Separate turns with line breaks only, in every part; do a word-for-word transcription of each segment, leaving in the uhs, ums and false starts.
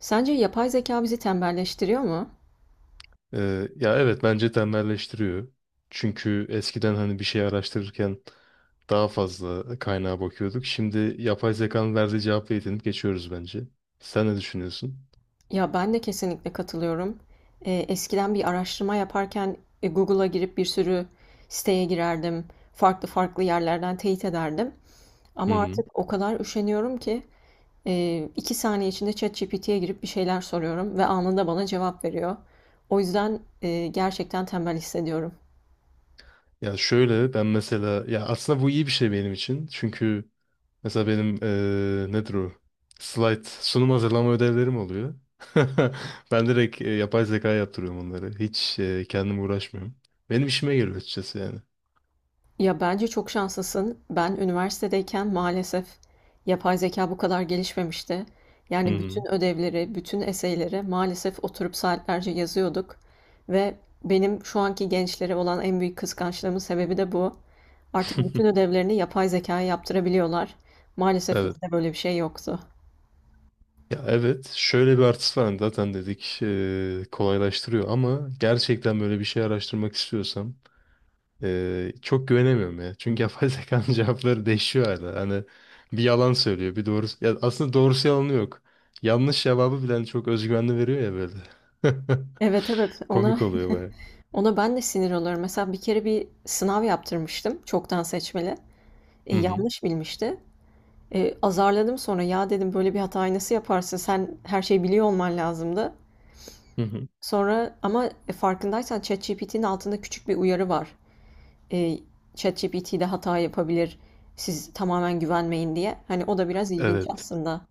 Sence yapay zeka bizi tembelleştiriyor mu?
Ee, ya evet bence tembelleştiriyor. Çünkü eskiden hani bir şey araştırırken daha fazla kaynağa bakıyorduk. Şimdi yapay zekanın verdiği cevapla yetinip geçiyoruz bence. Sen ne düşünüyorsun?
Ya ben de kesinlikle katılıyorum. Ee, eskiden bir araştırma yaparken e, Google'a girip bir sürü siteye girerdim. Farklı farklı yerlerden teyit ederdim.
Hı
Ama
hı.
artık o kadar üşeniyorum ki e, iki saniye içinde ChatGPT'ye girip bir şeyler soruyorum ve anında bana cevap veriyor. O yüzden e, gerçekten tembel hissediyorum.
Ya şöyle ben mesela ya aslında bu iyi bir şey benim için. Çünkü mesela benim eee nedir o? Slide sunum hazırlama ödevlerim oluyor. Ben direkt e, yapay zekaya yaptırıyorum onları. Hiç e, kendim uğraşmıyorum. Benim işime geliyor açıkçası yani.
Ya bence çok şanslısın. Ben üniversitedeyken maalesef yapay zeka bu kadar gelişmemişti.
Hı
Yani
hı.
bütün ödevleri, bütün eseyleri maalesef oturup saatlerce yazıyorduk. Ve benim şu anki gençlere olan en büyük kıskançlığımın sebebi de bu. Artık bütün ödevlerini yapay zekaya yaptırabiliyorlar. Maalesef
Evet.
bizde böyle bir şey yoktu.
Ya evet şöyle bir artısı var. Hani zaten dedik, e, kolaylaştırıyor ama gerçekten böyle bir şey araştırmak istiyorsam e, çok güvenemiyorum ya. Çünkü yapay zekanın cevapları değişiyor hala. Hani bir yalan söylüyor bir doğru, ya aslında doğrusu yalanı yok. Yanlış cevabı bile hani çok özgüvenli veriyor ya böyle.
Evet evet, ona
Komik oluyor baya.
ona ben de sinir oluyorum. Mesela bir kere bir sınav yaptırmıştım çoktan seçmeli. E,
Hı hı.
yanlış bilmişti. Eee, azarladım sonra. Ya dedim böyle bir hatayı nasıl yaparsın? Sen her şeyi biliyor olman lazımdı.
Hı hı.
Sonra ama e, farkındaysan ChatGPT'nin altında küçük bir uyarı var. Eee ChatGPT de hata yapabilir. Siz tamamen güvenmeyin diye. Hani o da biraz ilginç
Evet.
aslında.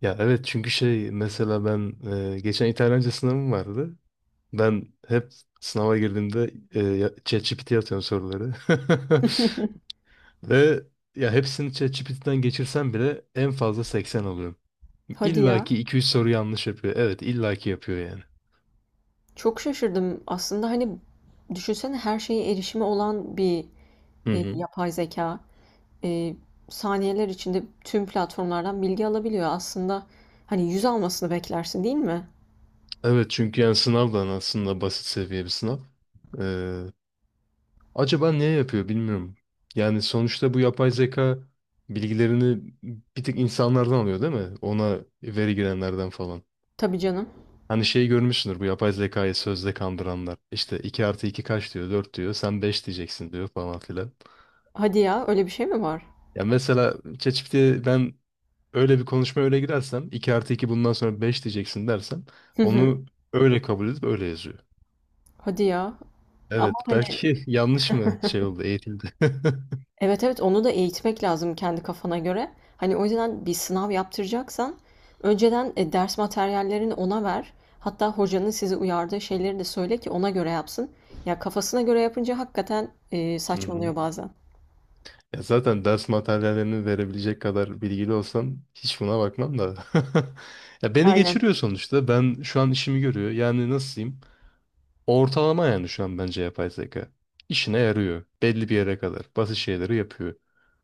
Ya evet, çünkü şey, mesela ben e, geçen İtalyanca sınavım vardı. Ben hep sınava girdiğimde e, ya- ChatGPT'ye ye atıyorum soruları. Ve ya hepsini ChatGPT'den geçirsem bile en fazla seksen alıyorum.
Hadi
İlla
ya.
ki iki üç soru yanlış yapıyor. Evet, illa ki yapıyor yani.
Çok şaşırdım. Aslında hani düşünsene her şeye erişimi olan bir
Hı
e,
hı.
yapay zeka e, saniyeler içinde tüm platformlardan bilgi alabiliyor. Aslında hani yüz almasını beklersin değil mi?
Evet, çünkü yani sınav da aslında basit seviye bir sınav. Ee, Acaba niye yapıyor bilmiyorum. Yani sonuçta bu yapay zeka bilgilerini bir tık insanlardan alıyor değil mi? Ona veri girenlerden falan.
Tabii canım.
Hani şeyi görmüşsündür, bu yapay zekayı sözde kandıranlar. İşte iki artı iki kaç diyor, dört diyor, sen beş diyeceksin diyor falan filan.
Hadi ya, öyle bir şey mi var?
Ya mesela ChatGPT'ye ben öyle bir konuşma öyle girersem, iki artı iki bundan sonra beş diyeceksin dersem,
Hı hı.
onu öyle kabul edip öyle yazıyor.
Hadi ya.
Evet
Ama hani
belki yanlış mı şey oldu, eğitildi.
evet evet, onu da eğitmek lazım kendi kafana göre. Hani o yüzden bir sınav yaptıracaksan önceden e, ders materyallerini ona ver. Hatta hocanın sizi uyardığı şeyleri de söyle ki ona göre yapsın. Ya kafasına göre yapınca hakikaten e,
Hı hı.
saçmalıyor bazen.
Ya zaten ders materyallerini verebilecek kadar bilgili olsam hiç buna bakmam da. Ya beni
Aynen.
geçiriyor sonuçta. Ben şu an işimi görüyor. Yani nasıl diyeyim? Ortalama yani şu an bence yapay zeka. İşine yarıyor. Belli bir yere kadar. Basit şeyleri yapıyor.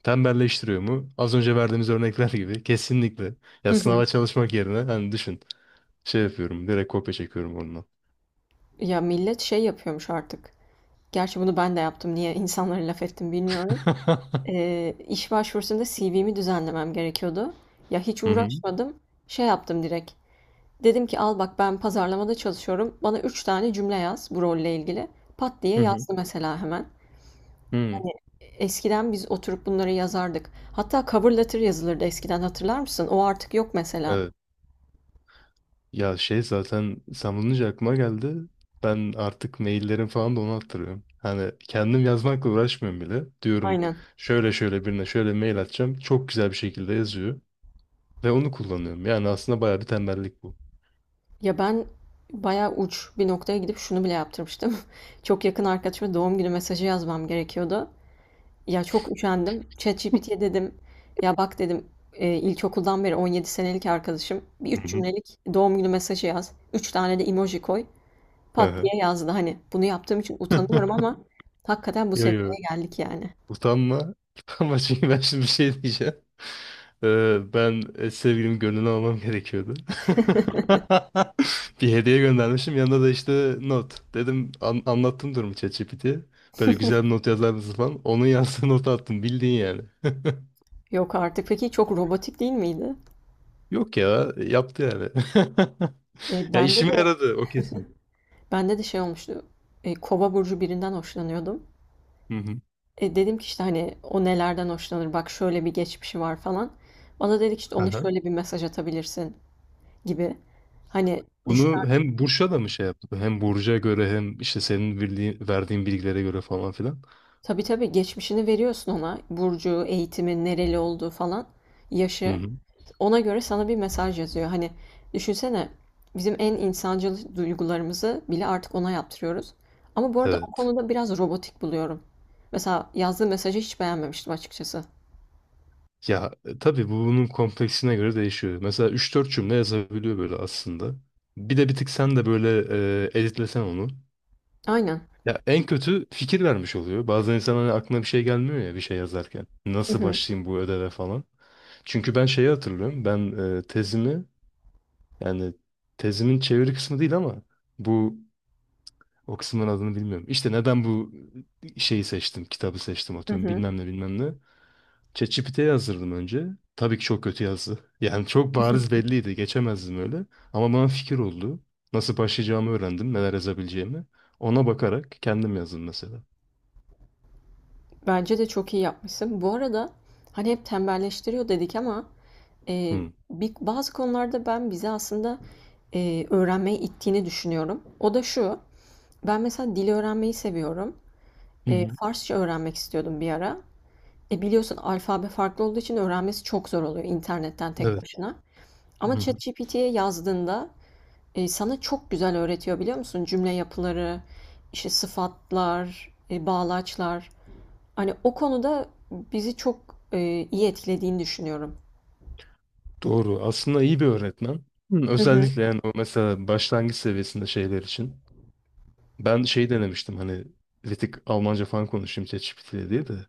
Tembelleştiriyor mu? Az önce verdiğimiz örnekler gibi. Kesinlikle.
Hı
Ya
hı.
sınava çalışmak yerine hani düşün. Şey yapıyorum. Direkt kopya çekiyorum ondan.
Ya millet şey yapıyormuş artık. Gerçi bunu ben de yaptım. Niye insanlara laf ettim bilmiyorum. Eee, iş başvurusunda C V'mi düzenlemem gerekiyordu. Ya hiç
Hı hı.
uğraşmadım. Şey yaptım direkt. Dedim ki al bak ben pazarlamada çalışıyorum. Bana üç tane cümle yaz bu rolle ilgili. Pat diye
Hı hı.
yazdı mesela hemen.
Hı.
Hani eskiden biz oturup bunları yazardık. Hatta cover letter yazılırdı eskiden, hatırlar mısın? O artık yok mesela.
Evet. Ya şey, zaten sen bulunca aklıma geldi. Ben artık maillerim falan da onu attırıyorum. Hani kendim yazmakla uğraşmıyorum bile. Diyorum
Aynen.
şöyle şöyle birine şöyle mail atacağım. Çok güzel bir şekilde yazıyor. Ve onu kullanıyorum. Yani aslında bayağı bir tembellik bu.
Ya ben bayağı uç bir noktaya gidip şunu bile yaptırmıştım. Çok yakın arkadaşıma doğum günü mesajı yazmam gerekiyordu. Ya çok üşendim. ChatGPT'ye dedim. Ya bak dedim e, ilkokuldan beri on yedi senelik arkadaşım. Bir
Hı
üç
hı.
cümlelik doğum günü mesajı yaz. Üç tane de emoji koy.
Hı
Pat diye
hı.
yazdı. Hani bunu yaptığım için utanıyorum ama hakikaten bu
Yo yo.
seviyeye geldik yani.
Utanma. Utanma, çünkü ben şimdi bir şey diyeceğim. Ee, ben e, sevgilimin gönlünü almam gerekiyordu. Bir hediye göndermişim. Yanında da işte not. Dedim, an- anlattım durumu ChatGPT'ye. Böyle güzel bir not yazar mısın falan. Onun yazdığı notu attım. Bildiğin yani.
Yok artık. Peki çok robotik değil miydi?
Yok ya. Yaptı yani.
E,
Ya
bende
işime
de
yaradı. O kesin.
bende de şey olmuştu. E, Kova burcu birinden hoşlanıyordum.
Hı hı.
E, dedim ki işte hani o nelerden hoşlanır? Bak şöyle bir geçmişi var falan. Bana dedik işte ona şöyle bir mesaj atabilirsin gibi. Hani düşün.
Bunu hem Burç'a da mı şey yaptı? Hem Burcu'ya göre hem işte senin bildiğin, verdiğin bilgilere göre falan filan.
Tabii tabii, geçmişini veriyorsun ona. Burcu, eğitimi, nereli olduğu falan,
Hı
yaşı.
hı.
Ona göre sana bir mesaj yazıyor. Hani düşünsene bizim en insancıl duygularımızı bile artık ona yaptırıyoruz. Ama bu arada o
Evet.
konuda biraz robotik buluyorum. Mesela yazdığı mesajı hiç beğenmemiştim açıkçası.
Ya e, tabii bu bunun kompleksine göre değişiyor. Mesela üç dört cümle yazabiliyor böyle aslında. Bir de bir tık sen de böyle e, editlesen onu.
Aynen.
Ya en kötü fikir vermiş oluyor. Bazen insan hani aklına bir şey gelmiyor ya bir şey yazarken.
Hı
Nasıl
hı.
başlayayım bu ödeve falan. Çünkü ben şeyi hatırlıyorum. Ben e, tezimi, yani tezimin çeviri kısmı değil ama bu, o kısmın adını bilmiyorum. İşte neden bu şeyi seçtim, kitabı seçtim
Hı
atıyorum
hı.
bilmem ne bilmem ne. ChatGPT'ye yazdırdım önce. Tabii ki çok kötü yazdı. Yani çok bariz belliydi, geçemezdim öyle. Ama bana fikir oldu. Nasıl başlayacağımı öğrendim, neler yazabileceğimi. Ona bakarak kendim yazdım mesela.
Bence de çok iyi yapmışsın. Bu arada hani hep tembelleştiriyor dedik ama e,
Hı.
bir, bazı konularda ben bizi aslında e, öğrenmeye ittiğini düşünüyorum. O da şu, ben mesela dil öğrenmeyi seviyorum.
Hı
E,
hı.
Farsça öğrenmek istiyordum bir ara. E, biliyorsun alfabe farklı olduğu için öğrenmesi çok zor oluyor internetten tek
Evet.
başına. Ama
Hı hı.
ChatGPT'ye yazdığında e, sana çok güzel öğretiyor biliyor musun? Cümle yapıları, işte sıfatlar, e, bağlaçlar. Hani o konuda bizi çok, eee, iyi etkilediğini düşünüyorum.
Doğru. Aslında iyi bir öğretmen. Hı,
Hı hı.
özellikle yani o mesela başlangıç seviyesinde şeyler için. Ben şey denemiştim, hani bir tık Almanca falan konuşayım ChatGPT ile diye de.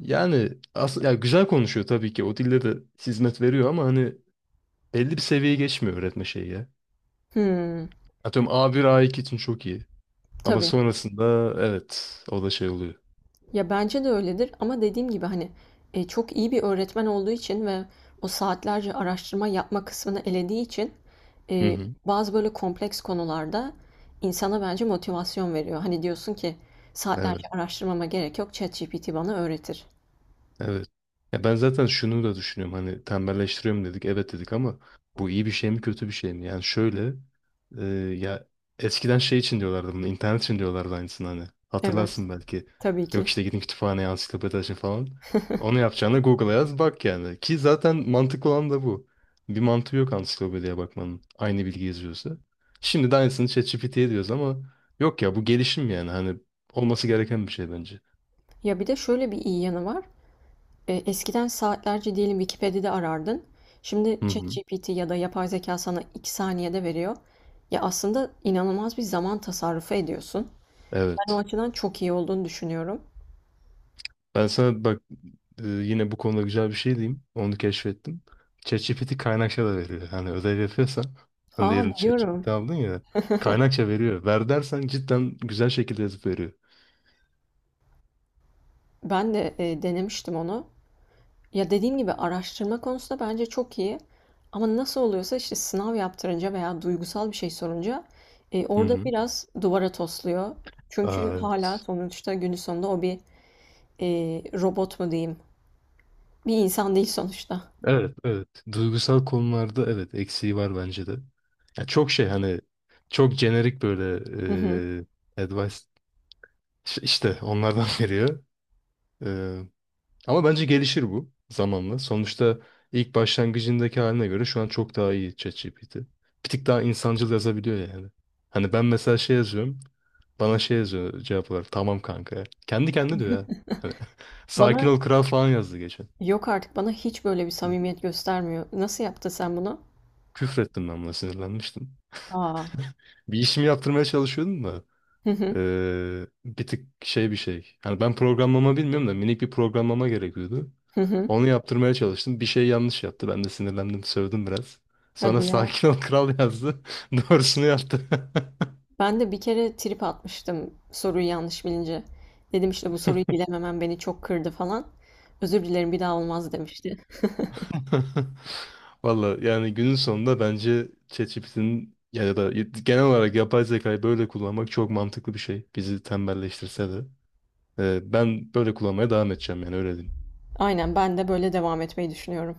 Yani aslında ya güzel konuşuyor tabii ki. O dille de hizmet veriyor ama hani belli bir seviyeye geçmiyor öğretme şeyi ya.
Hımm.
Atıyorum A bir A iki için çok iyi. Ama
Tabii.
sonrasında evet o da şey oluyor.
Ya, bence de öyledir ama dediğim gibi, hani, eee, çok iyi bir öğretmen olduğu için ve o saatlerce araştırma yapma kısmını elediği için,
Hı
eee,
hı.
bazı böyle kompleks konularda insana bence motivasyon veriyor. Hani, diyorsun ki saatlerce
Evet.
araştırmama gerek yok, ChatGPT bana öğretir.
Evet. Ya ben zaten şunu da düşünüyorum. Hani tembelleştiriyorum dedik. Evet dedik ama bu iyi bir şey mi kötü bir şey mi? Yani şöyle, e, ya eskiden şey için diyorlardı bunu. İnternet için diyorlardı aynısını hani.
Evet,
Hatırlarsın belki.
tabii
Yok
ki.
işte, gidin kütüphaneye ansiklopedi açın falan. Onu yapacağına Google'a yaz bak yani. Ki zaten mantıklı olan da bu. Bir mantığı yok ansiklopediye bakmanın. Aynı bilgi yazıyorsa. Şimdi de aynısını ChatGPT'ye diyoruz ama yok ya, bu gelişim yani. Hani olması gereken bir şey bence.
Ya, bir de şöyle bir iyi yanı var. E, eskiden saatlerce diyelim Wikipedia'da arardın. Şimdi
Hı hı.
ChatGPT ya da yapay zeka sana iki saniyede veriyor. Ya aslında inanılmaz bir zaman tasarrufu ediyorsun. Ben o
Evet.
açıdan çok iyi olduğunu düşünüyorum.
Ben sana bak, e, yine bu konuda güzel bir şey diyeyim. Onu keşfettim. ChatGPT kaynakça da veriyor. Hani ödev yapıyorsan, hani
Aa,
diyelim
biliyorum.
ChatGPT aldın ya, kaynakça veriyor. Ver dersen cidden güzel şekilde yazıp veriyor.
Ben de e, denemiştim onu. Ya dediğim gibi araştırma konusunda bence çok iyi. Ama nasıl oluyorsa işte sınav yaptırınca veya duygusal bir şey sorunca e,
Hı
orada
hı.
biraz duvara tosluyor.
Aa,
Çünkü
evet.
hala sonuçta günün sonunda o bir e, robot mu diyeyim? Bir insan değil sonuçta.
Evet, evet. Duygusal konularda evet eksiği var bence de. Ya çok şey, hani çok jenerik böyle
Hı hı.
e, advice, ş- işte onlardan veriyor. Ama bence gelişir bu zamanla. Sonuçta ilk başlangıcındaki haline göre şu an çok daha iyi ChatGPT. Bir tık daha insancıl yazabiliyor yani. Hani ben mesela şey yazıyorum. Bana şey yazıyor cevap olarak. Tamam kanka. Kendi kendine diyor ya. Hani, sakin
Bana,
ol kral falan yazdı geçen.
yok artık, bana hiç böyle bir
Hı.
samimiyet göstermiyor. Nasıl yaptın sen bunu?
Küfrettim, ben buna sinirlenmiştim.
Aa.
Bir işimi yaptırmaya çalışıyordum da.
Hı hı.
Ee, bir tık şey, bir şey. Hani ben programlama bilmiyorum da minik bir programlama gerekiyordu.
Hı hı.
Onu yaptırmaya çalıştım. Bir şey yanlış yaptı. Ben de sinirlendim, sövdüm biraz. Sonra
Hadi ya.
sakin ol kral yazdı. Doğrusunu yaptı.
Ben de bir kere trip atmıştım soruyu yanlış bilince. Dedim işte bu soruyu bilememem beni çok kırdı falan. Özür dilerim bir daha olmaz demişti.
Valla yani günün sonunda bence ChatGPT'nin ya da genel olarak yapay zekayı böyle kullanmak çok mantıklı bir şey. Bizi tembelleştirse de. Ee, ben böyle kullanmaya devam edeceğim yani öyle diyeyim.
Aynen, ben de böyle devam etmeyi düşünüyorum.